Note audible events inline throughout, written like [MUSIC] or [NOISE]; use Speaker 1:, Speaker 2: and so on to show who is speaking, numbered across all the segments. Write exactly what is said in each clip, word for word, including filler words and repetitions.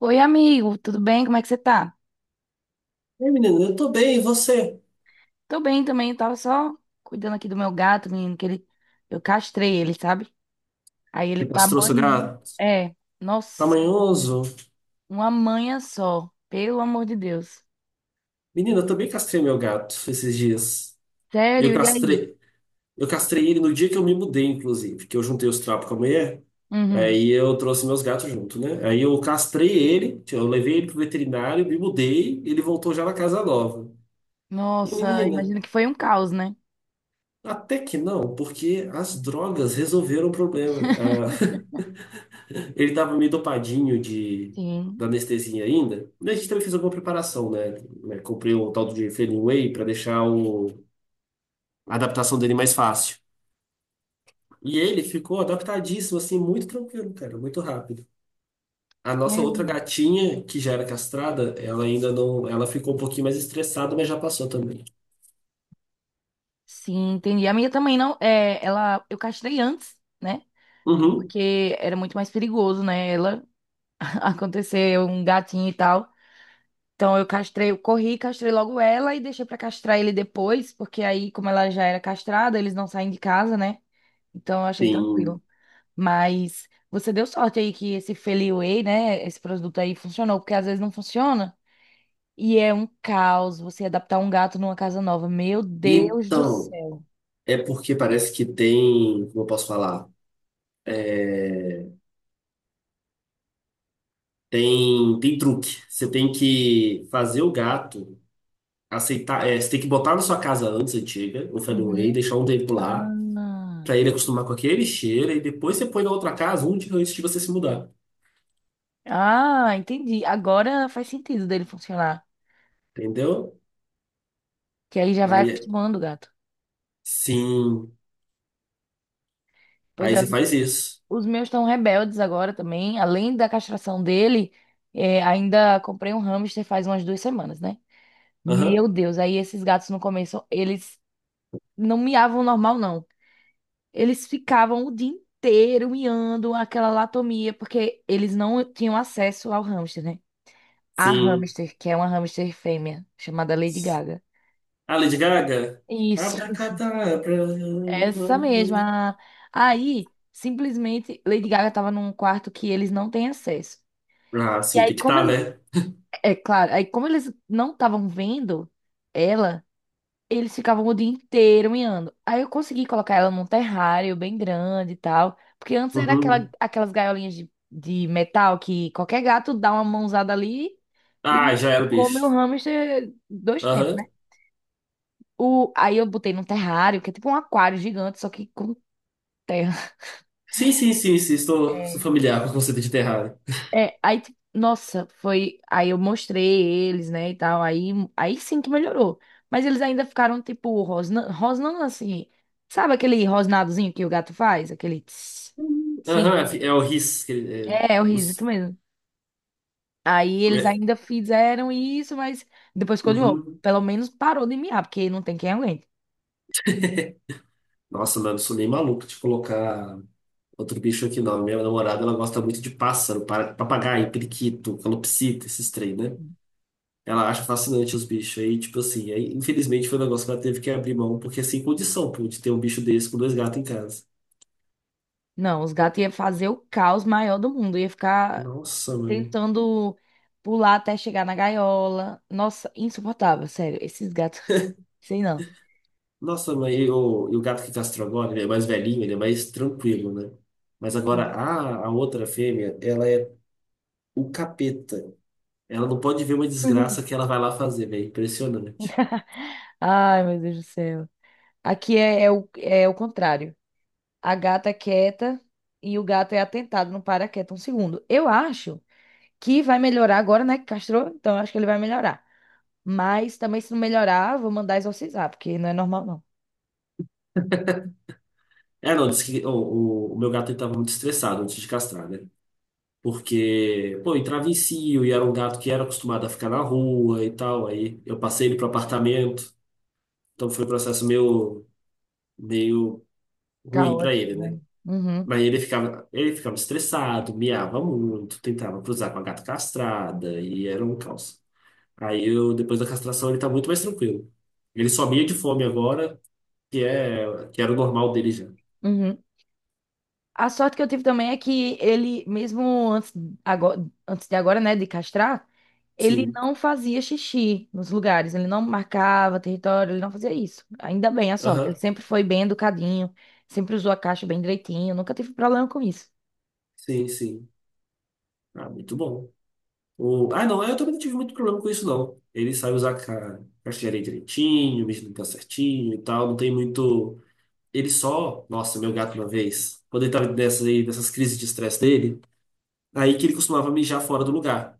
Speaker 1: Oi, amigo, tudo bem? Como é que você tá?
Speaker 2: Ei, menina, eu tô bem, e você?
Speaker 1: Tô bem também, eu tava só cuidando aqui do meu gato, menino, que ele eu castrei ele, sabe? Aí ele
Speaker 2: Você
Speaker 1: tá
Speaker 2: castrou seu
Speaker 1: manhando.
Speaker 2: gato?
Speaker 1: É,
Speaker 2: Tá
Speaker 1: nossa,
Speaker 2: manhoso?
Speaker 1: uma manha só, pelo amor de Deus.
Speaker 2: Menino, eu também castrei meu gato esses dias. E Eu
Speaker 1: Sério, e aí?
Speaker 2: castrei, eu castrei ele no dia que eu me mudei, inclusive, que eu juntei os trapos com a mulher.
Speaker 1: Uhum.
Speaker 2: Aí eu trouxe meus gatos junto, né? Aí eu castrei ele, eu levei ele pro veterinário, me mudei, ele voltou já na casa nova. E
Speaker 1: Nossa,
Speaker 2: menina,
Speaker 1: imagino que foi um caos, né?
Speaker 2: até que não, porque as drogas resolveram o problema.
Speaker 1: [LAUGHS]
Speaker 2: Ah, ele tava meio dopadinho de,
Speaker 1: Sim.
Speaker 2: da anestesia ainda. E a gente também fez alguma preparação, né? Né, comprei um tal de Failing Whey para deixar o, a adaptação dele mais fácil. E ele ficou adaptadíssimo, assim, muito tranquilo, cara, muito rápido. A nossa
Speaker 1: É.
Speaker 2: outra gatinha, que já era castrada, ela ainda não. Ela ficou um pouquinho mais estressada, mas já passou também.
Speaker 1: Sim, entendi. A minha também não, é, ela eu castrei antes, né?
Speaker 2: Uhum,
Speaker 1: Porque era muito mais perigoso, né? Ela [LAUGHS] acontecer um gatinho e tal. Então eu castrei, eu corri, castrei logo ela e deixei pra castrar ele depois, porque aí, como ela já era castrada, eles não saem de casa, né? Então eu achei
Speaker 2: sim.
Speaker 1: tranquilo. Mas você deu sorte aí que esse Feli Whey, né? Esse produto aí funcionou, porque às vezes não funciona. E é um caos você adaptar um gato numa casa nova. Meu Deus do
Speaker 2: Então,
Speaker 1: céu.
Speaker 2: é porque parece que tem. Como eu posso falar? é, Tem, tem truque. Você tem que fazer o gato aceitar. é, você tem que botar na sua casa antes antiga, o Fenway,
Speaker 1: Uhum.
Speaker 2: deixar um tempo lá,
Speaker 1: Ah.
Speaker 2: pra ele acostumar com aquele cheiro, e depois você põe na outra casa um dia antes de você se mudar.
Speaker 1: Ah, entendi. Agora faz sentido dele funcionar.
Speaker 2: Entendeu?
Speaker 1: Que aí já vai
Speaker 2: Aí,
Speaker 1: acostumando o gato.
Speaker 2: sim.
Speaker 1: Pois
Speaker 2: Aí
Speaker 1: é.
Speaker 2: você faz isso.
Speaker 1: Os meus estão rebeldes agora também. Além da castração dele, é, ainda comprei um hamster faz umas duas semanas, né?
Speaker 2: Aham,
Speaker 1: Meu Deus, aí esses gatos no começo, eles não miavam normal, não. Eles ficavam o dia inteiro miando aquela latomia, porque eles não tinham acesso ao hamster, né? A
Speaker 2: sim.
Speaker 1: hamster, que é uma hamster fêmea, chamada Lady Gaga.
Speaker 2: Ah, Lady Gaga?
Speaker 1: Isso,
Speaker 2: Abracadabra.
Speaker 1: essa mesma. Aí, simplesmente, Lady Gaga tava num quarto que eles não têm acesso.
Speaker 2: Ah,
Speaker 1: E
Speaker 2: sim,
Speaker 1: aí,
Speaker 2: tem que
Speaker 1: como
Speaker 2: estar,
Speaker 1: eles
Speaker 2: né?
Speaker 1: É claro. Aí, como eles não estavam vendo ela, eles ficavam o dia inteiro miando. Aí eu consegui colocar ela num terrário bem grande e tal. Porque antes era aquela,
Speaker 2: Uhum.
Speaker 1: aquelas gaiolinhas de, de metal que qualquer gato dá uma mãozada ali
Speaker 2: Ah,
Speaker 1: e,
Speaker 2: já
Speaker 1: e
Speaker 2: era o
Speaker 1: come o
Speaker 2: bicho.
Speaker 1: hamster dois tempos,
Speaker 2: Aham.
Speaker 1: né? O, aí eu botei num terrário, que é tipo um aquário gigante, só que com terra. [LAUGHS]
Speaker 2: Sim, sim, sim, sim. Estou, estou
Speaker 1: É,
Speaker 2: familiar com o conceito de terra.
Speaker 1: É, aí, tipo, nossa, foi. Aí eu mostrei eles, né, e tal. Aí, aí sim que melhorou. Mas eles ainda ficaram, tipo, rosnando, rosnando assim. Sabe aquele rosnadozinho que o gato faz? Aquele. Tss, sim.
Speaker 2: Aham, é é o R I S. Que, ele- é,
Speaker 1: É, é o risito
Speaker 2: nos-
Speaker 1: mesmo. Aí eles
Speaker 2: é,
Speaker 1: ainda fizeram isso, mas depois continuou.
Speaker 2: uhum.
Speaker 1: Pelo menos parou de miar, porque não tem quem aguente.
Speaker 2: Nossa, mano, sou nem maluco de colocar outro bicho aqui, não. Minha namorada, ela gosta muito de pássaro, para- papagaio, periquito, calopsita, esses três, né? Ela acha fascinante os bichos. Aí, tipo assim, aí, infelizmente foi um negócio que ela teve que abrir mão, porque é sem condição, pô, de ter um bicho desse com dois gatos em casa.
Speaker 1: Não, os gatos iam fazer o caos maior do mundo. Ia ficar
Speaker 2: Nossa, mãe.
Speaker 1: tentando pular até chegar na gaiola. Nossa, insuportável, sério. Esses gatos, sei não.
Speaker 2: Nossa, mãe, e o, e o gato que castrou agora, ele é mais velhinho, ele é mais tranquilo, né? Mas agora, a, a outra fêmea, ela é o capeta. Ela não pode ver uma
Speaker 1: Uhum.
Speaker 2: desgraça que ela vai lá fazer, velho. Impressionante.
Speaker 1: Ai, meu Deus do céu. Aqui é, é o, é o contrário. A gata é quieta e o gato é atentado, não para quieto um segundo. Eu acho que vai melhorar agora, né? Que castrou, então eu acho que ele vai melhorar. Mas também, se não melhorar, vou mandar exorcizar, porque não é normal, não.
Speaker 2: É, não, disse que o, o- o meu gato ele tava muito estressado antes de castrar, né? Porque, pô, entrava em cio e era um gato que era acostumado a ficar na rua e tal. Aí eu passei ele pro apartamento. Então foi um processo meio, meio ruim pra
Speaker 1: Caótico,
Speaker 2: ele, né?
Speaker 1: né? Uhum,
Speaker 2: Mas ele ficava, ele ficava estressado, miava muito, tentava cruzar com a gata castrada e era um caos. Aí eu, depois da castração, ele tá muito mais tranquilo. Ele só mia de fome agora, que é que era o normal dele já.
Speaker 1: uhum. A sorte que eu tive também é que ele, mesmo antes, agora, antes de agora, né, de castrar, ele
Speaker 2: Sim.
Speaker 1: não fazia xixi nos lugares, ele não marcava território, ele não fazia isso. Ainda bem, a sorte. Ele
Speaker 2: Aham.
Speaker 1: sempre foi bem educadinho, sempre usou a caixa bem direitinho, nunca tive problema com isso.
Speaker 2: Sim, sim. Ah, muito bom. O... Ah, não, eu também não tive muito problema com isso, não. Ele sabe usar ca... castilharia direitinho, mesmo tá certinho e tal. Não tem muito. Ele só. Nossa, meu gato uma vez. Quando ele tava nessas, aí, nessas crises de estresse dele, aí que ele costumava mijar fora do lugar.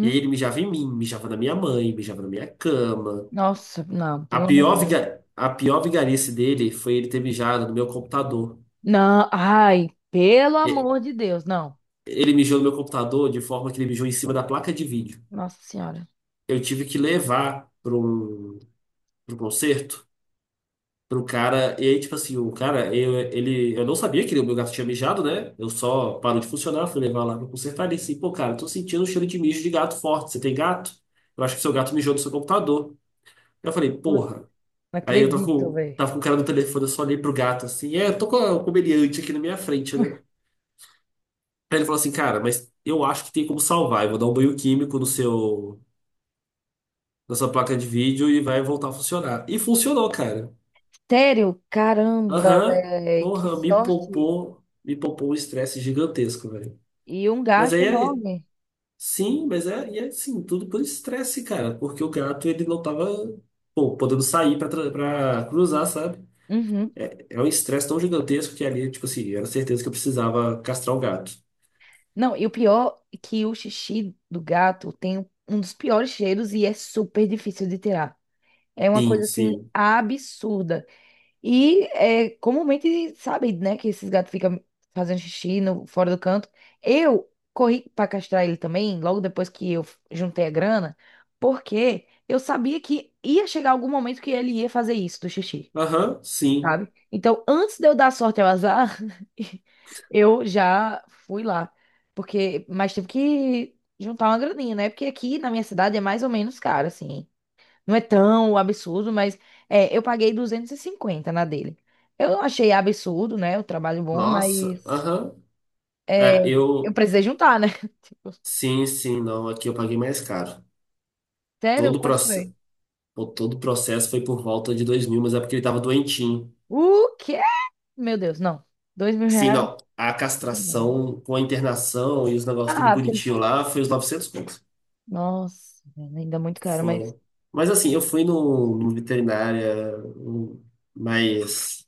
Speaker 2: E aí ele mijava em mim, mijava na minha mãe, mijava na minha cama.
Speaker 1: Nossa, não,
Speaker 2: A
Speaker 1: pelo amor de
Speaker 2: pior,
Speaker 1: Deus.
Speaker 2: viga... A pior vigarice dele foi ele ter mijado no meu computador.
Speaker 1: Não, ai, pelo amor de Deus, não.
Speaker 2: Ele mijou no meu computador de forma que ele mijou em cima da placa de vídeo.
Speaker 1: Nossa Senhora.
Speaker 2: Eu tive que levar para um, para um concerto, para o cara. E aí, tipo assim, o cara, eu, ele, eu não sabia que o meu gato tinha mijado, né? Eu só parou de funcionar, fui levar lá para consertar. Ele disse, pô, cara, eu tô sentindo um cheiro de mijo de gato forte. Você tem gato? Eu acho que seu gato mijou no seu computador. Eu falei,
Speaker 1: Putz,
Speaker 2: porra.
Speaker 1: não
Speaker 2: Aí eu tava
Speaker 1: acredito,
Speaker 2: com,
Speaker 1: velho.
Speaker 2: tava com o cara no telefone, eu só olhei pro gato assim, é, eu tô com a- o comediante aqui na minha frente, né? Aí ele falou assim, cara, mas eu acho que tem como salvar. Eu vou dar um banho químico no seu. Da sua placa de vídeo e vai voltar a funcionar. E funcionou, cara.
Speaker 1: Sério? Caramba,
Speaker 2: Aham,
Speaker 1: velho, que
Speaker 2: porra, me
Speaker 1: sorte.
Speaker 2: poupou, me poupou um estresse gigantesco, velho.
Speaker 1: E um
Speaker 2: Mas
Speaker 1: gasto
Speaker 2: aí, aí,
Speaker 1: enorme.
Speaker 2: sim, mas é, e é sim, tudo por estresse, cara, porque o gato ele não tava, pô, podendo sair pra, tra- pra cruzar, sabe?
Speaker 1: Uhum.
Speaker 2: É um estresse tão gigantesco que ali, tipo assim, era certeza que eu precisava castrar o gato.
Speaker 1: Não, e o pior é que o xixi do gato tem um um dos piores cheiros e é super difícil de tirar. É uma
Speaker 2: Sim,
Speaker 1: coisa assim
Speaker 2: sim.
Speaker 1: absurda. E é comumente sabe, né, que esses gatos ficam fazendo xixi no, fora do canto. Eu corri para castrar ele também, logo depois que eu juntei a grana, porque eu sabia que ia chegar algum momento que ele ia fazer isso do xixi,
Speaker 2: Aham, sim.
Speaker 1: sabe? Então, antes de eu dar sorte ao azar, [LAUGHS] eu já fui lá. Porque, mas tive que juntar uma graninha, né? Porque aqui na minha cidade é mais ou menos caro, assim. Não é tão absurdo, mas é, eu paguei duzentos e cinquenta na dele. Eu não achei absurdo, né? O trabalho bom,
Speaker 2: Nossa,
Speaker 1: mas
Speaker 2: aham.
Speaker 1: é,
Speaker 2: É,
Speaker 1: eu
Speaker 2: eu.
Speaker 1: precisei juntar, né? [LAUGHS]
Speaker 2: Sim, sim, não. Aqui eu paguei mais caro.
Speaker 1: Sério?
Speaker 2: Todo o
Speaker 1: Quanto foi?
Speaker 2: processo. Pô, todo o processo foi por volta de dois mil, mas é porque ele tava doentinho.
Speaker 1: O quê? Meu Deus, não. Dois mil
Speaker 2: Sim,
Speaker 1: reais?
Speaker 2: não. A castração com a internação e os negócios tudo
Speaker 1: Ah, porque ele...
Speaker 2: bonitinho lá foi os novecentos pontos.
Speaker 1: Nossa, ainda é muito caro, mas...
Speaker 2: Foi. Mas assim, eu fui no, no veterinária um, mais,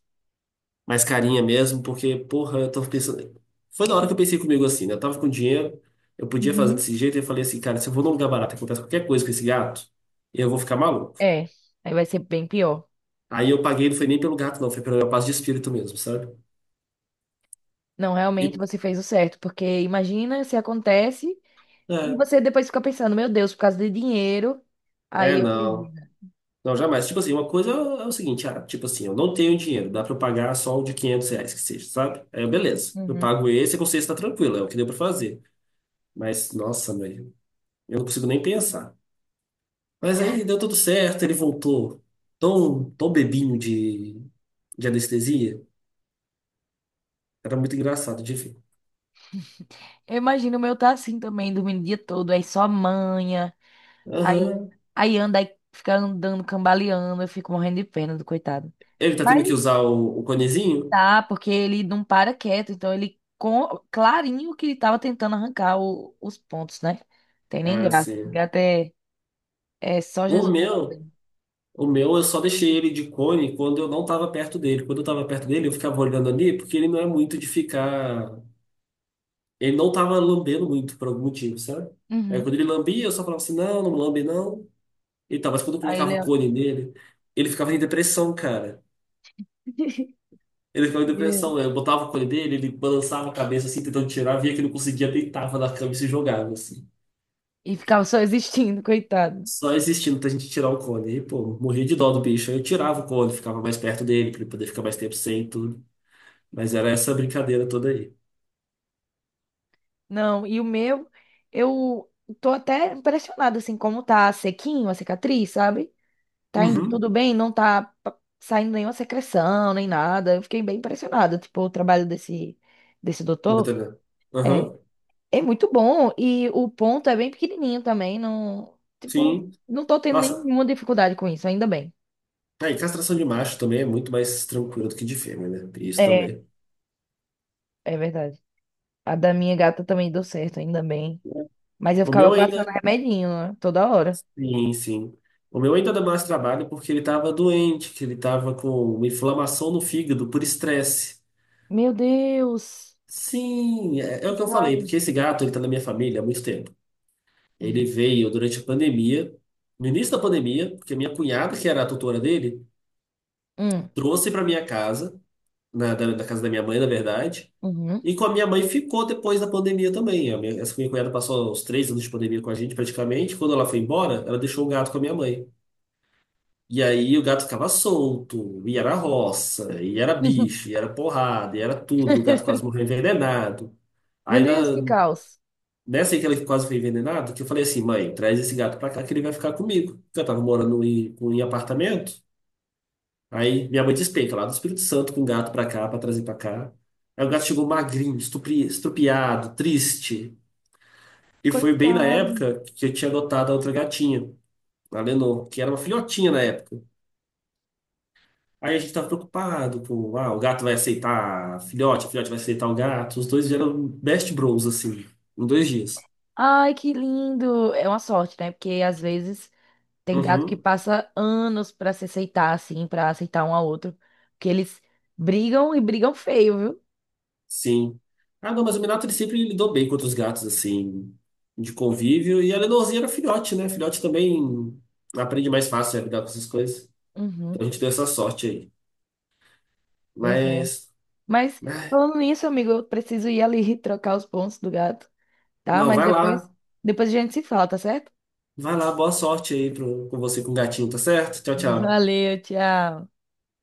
Speaker 2: mais carinha mesmo, porque, porra, eu tava pensando. Foi na hora que eu pensei comigo assim, né? Eu tava com dinheiro, eu podia fazer
Speaker 1: Uhum.
Speaker 2: desse jeito, e eu falei assim, cara, se eu vou num lugar barato e acontece qualquer coisa com esse gato, eu vou ficar maluco.
Speaker 1: É, aí vai ser bem pior.
Speaker 2: Aí eu paguei, não foi nem pelo gato, não, foi pela minha paz de espírito mesmo, sabe?
Speaker 1: Não, realmente
Speaker 2: E,
Speaker 1: você fez o certo, porque imagina se acontece e
Speaker 2: é.
Speaker 1: você depois fica pensando, meu Deus, por causa de dinheiro,
Speaker 2: É,
Speaker 1: aí eu perdi,
Speaker 2: não.
Speaker 1: né?
Speaker 2: Não, jamais. Tipo assim, uma coisa é o seguinte, ah, tipo assim, eu não tenho dinheiro, dá pra eu pagar só o de quinhentos reais que seja, sabe? Aí, eu, beleza. Eu
Speaker 1: Uhum.
Speaker 2: pago esse e a consciência tá tranquila, é o que deu pra fazer. Mas, nossa, mãe, eu não consigo nem pensar. Mas aí deu tudo certo, ele voltou tão, tão bebinho de, de anestesia. Era muito engraçado de ver.
Speaker 1: Eu imagino o meu tá assim também, dormindo o dia todo, aí só manha, aí,
Speaker 2: Aham.
Speaker 1: aí anda, aí fica andando, cambaleando, eu fico morrendo de pena do coitado.
Speaker 2: Ele tá tendo
Speaker 1: Mas
Speaker 2: que usar o, o conezinho?
Speaker 1: tá, porque ele não para quieto, então ele, com, clarinho que ele tava tentando arrancar o- os pontos, né? Tem nem
Speaker 2: Ah,
Speaker 1: graça, esse
Speaker 2: sim.
Speaker 1: gato é, é só
Speaker 2: O
Speaker 1: Jesus na causa
Speaker 2: meu
Speaker 1: dele.
Speaker 2: O meu, eu só deixei ele de cone quando eu não tava perto dele. Quando eu tava perto dele, eu ficava olhando ali, porque ele não é muito de ficar. Ele não tava lambendo muito por algum motivo, sabe? Aí
Speaker 1: Uhum.
Speaker 2: quando ele lambia, eu só falava assim: não, não lambe não. E tá, mas quando eu
Speaker 1: Aí ele
Speaker 2: colocava o
Speaker 1: é,
Speaker 2: cone nele, ele ficava em depressão, cara.
Speaker 1: [LAUGHS]
Speaker 2: Ele ficava em depressão. Né? Eu botava o cone dele, ele balançava a cabeça assim, tentando tirar, via que não conseguia, deitava na cama e se jogava, assim.
Speaker 1: e ficava só existindo, coitado.
Speaker 2: Só existindo pra gente tirar o cone. E, pô, morria de dó do bicho. Aí eu tirava o cone, ficava mais perto dele, pra ele poder ficar mais tempo sem e tudo. Mas era essa brincadeira toda aí.
Speaker 1: Não, e o meu, eu tô até impressionada, assim, como tá sequinho a cicatriz, sabe? Tá indo
Speaker 2: Uhum.
Speaker 1: tudo bem, não tá pa- saindo nenhuma secreção, nem nada. Eu fiquei bem impressionada, tipo, o trabalho desse, desse
Speaker 2: No
Speaker 1: doutor.
Speaker 2: B T B.
Speaker 1: É,
Speaker 2: Aham,
Speaker 1: é muito bom. E o ponto é bem pequenininho também, não, tipo,
Speaker 2: sim.
Speaker 1: não tô tendo
Speaker 2: Nossa,
Speaker 1: nenhuma dificuldade com isso, ainda bem.
Speaker 2: aí castração de macho também é muito mais tranquilo do que de fêmea, né? Tem isso
Speaker 1: É,
Speaker 2: também.
Speaker 1: é verdade. A da minha gata também deu certo, ainda bem. Mas eu
Speaker 2: O meu
Speaker 1: ficava
Speaker 2: ainda,
Speaker 1: passando remedinho, né? Toda hora.
Speaker 2: sim, sim. O meu ainda dá mais trabalho porque ele tava doente, que ele tava com uma inflamação no fígado por estresse.
Speaker 1: Meu Deus!
Speaker 2: Sim, é, é o que eu falei,
Speaker 1: Coitado.
Speaker 2: porque esse gato, ele tá na minha família há muito tempo. Ele
Speaker 1: Hum,
Speaker 2: veio durante a pandemia, no início da pandemia, porque a minha cunhada, que era a tutora dele, trouxe para minha casa, na, da da casa da minha mãe, na verdade.
Speaker 1: uhum.
Speaker 2: E com a minha mãe ficou depois da pandemia também. A minha- essa minha cunhada passou uns três anos de pandemia com a gente, praticamente. Quando ela foi embora, ela deixou o gato com a minha mãe. E aí o gato ficava solto, e era roça, e era bicho, e era porrada, e era tudo. O gato quase
Speaker 1: [LAUGHS]
Speaker 2: morreu envenenado.
Speaker 1: Meu
Speaker 2: Aí na,
Speaker 1: Deus, que caos.
Speaker 2: nessa aí que ele quase foi envenenado, que eu falei assim, mãe, traz esse gato pra cá que ele vai ficar comigo. Porque eu tava morando em, em apartamento. Aí minha mãe despenca lá do Espírito Santo com o gato pra cá, pra trazer pra cá. Aí o gato chegou magrinho, estupri- estrupiado, triste. E foi bem na
Speaker 1: Coitado.
Speaker 2: época que eu tinha adotado a outra gatinha, a Lenor, que era uma filhotinha na época. Aí a gente tava preocupado com, ah, o gato vai aceitar a filhote, a filhote vai aceitar o gato. Os dois eram best bros, assim, em dois dias.
Speaker 1: Ai, que lindo. É uma sorte, né? Porque às vezes tem gato que
Speaker 2: Uhum,
Speaker 1: passa anos pra se aceitar, assim, pra aceitar um ao outro. Porque eles brigam e brigam feio, viu?
Speaker 2: sim. Ah, não, mas o Minato ele sempre lidou bem com outros gatos, assim, de convívio. E a Lenorzinha era filhote, né? Filhote também aprende mais fácil a lidar com essas coisas. Então
Speaker 1: Uhum,
Speaker 2: a gente deu essa sorte aí.
Speaker 1: pois é.
Speaker 2: Mas,
Speaker 1: Mas
Speaker 2: ah,
Speaker 1: falando nisso, amigo, eu preciso ir ali [LAUGHS] trocar os pontos do gato, tá?
Speaker 2: não,
Speaker 1: Mas
Speaker 2: vai lá.
Speaker 1: depois, depois, a gente se fala, tá certo?
Speaker 2: Vai lá, boa sorte aí pro, com você com o gatinho, tá certo? Tchau, tchau.
Speaker 1: Valeu, tchau.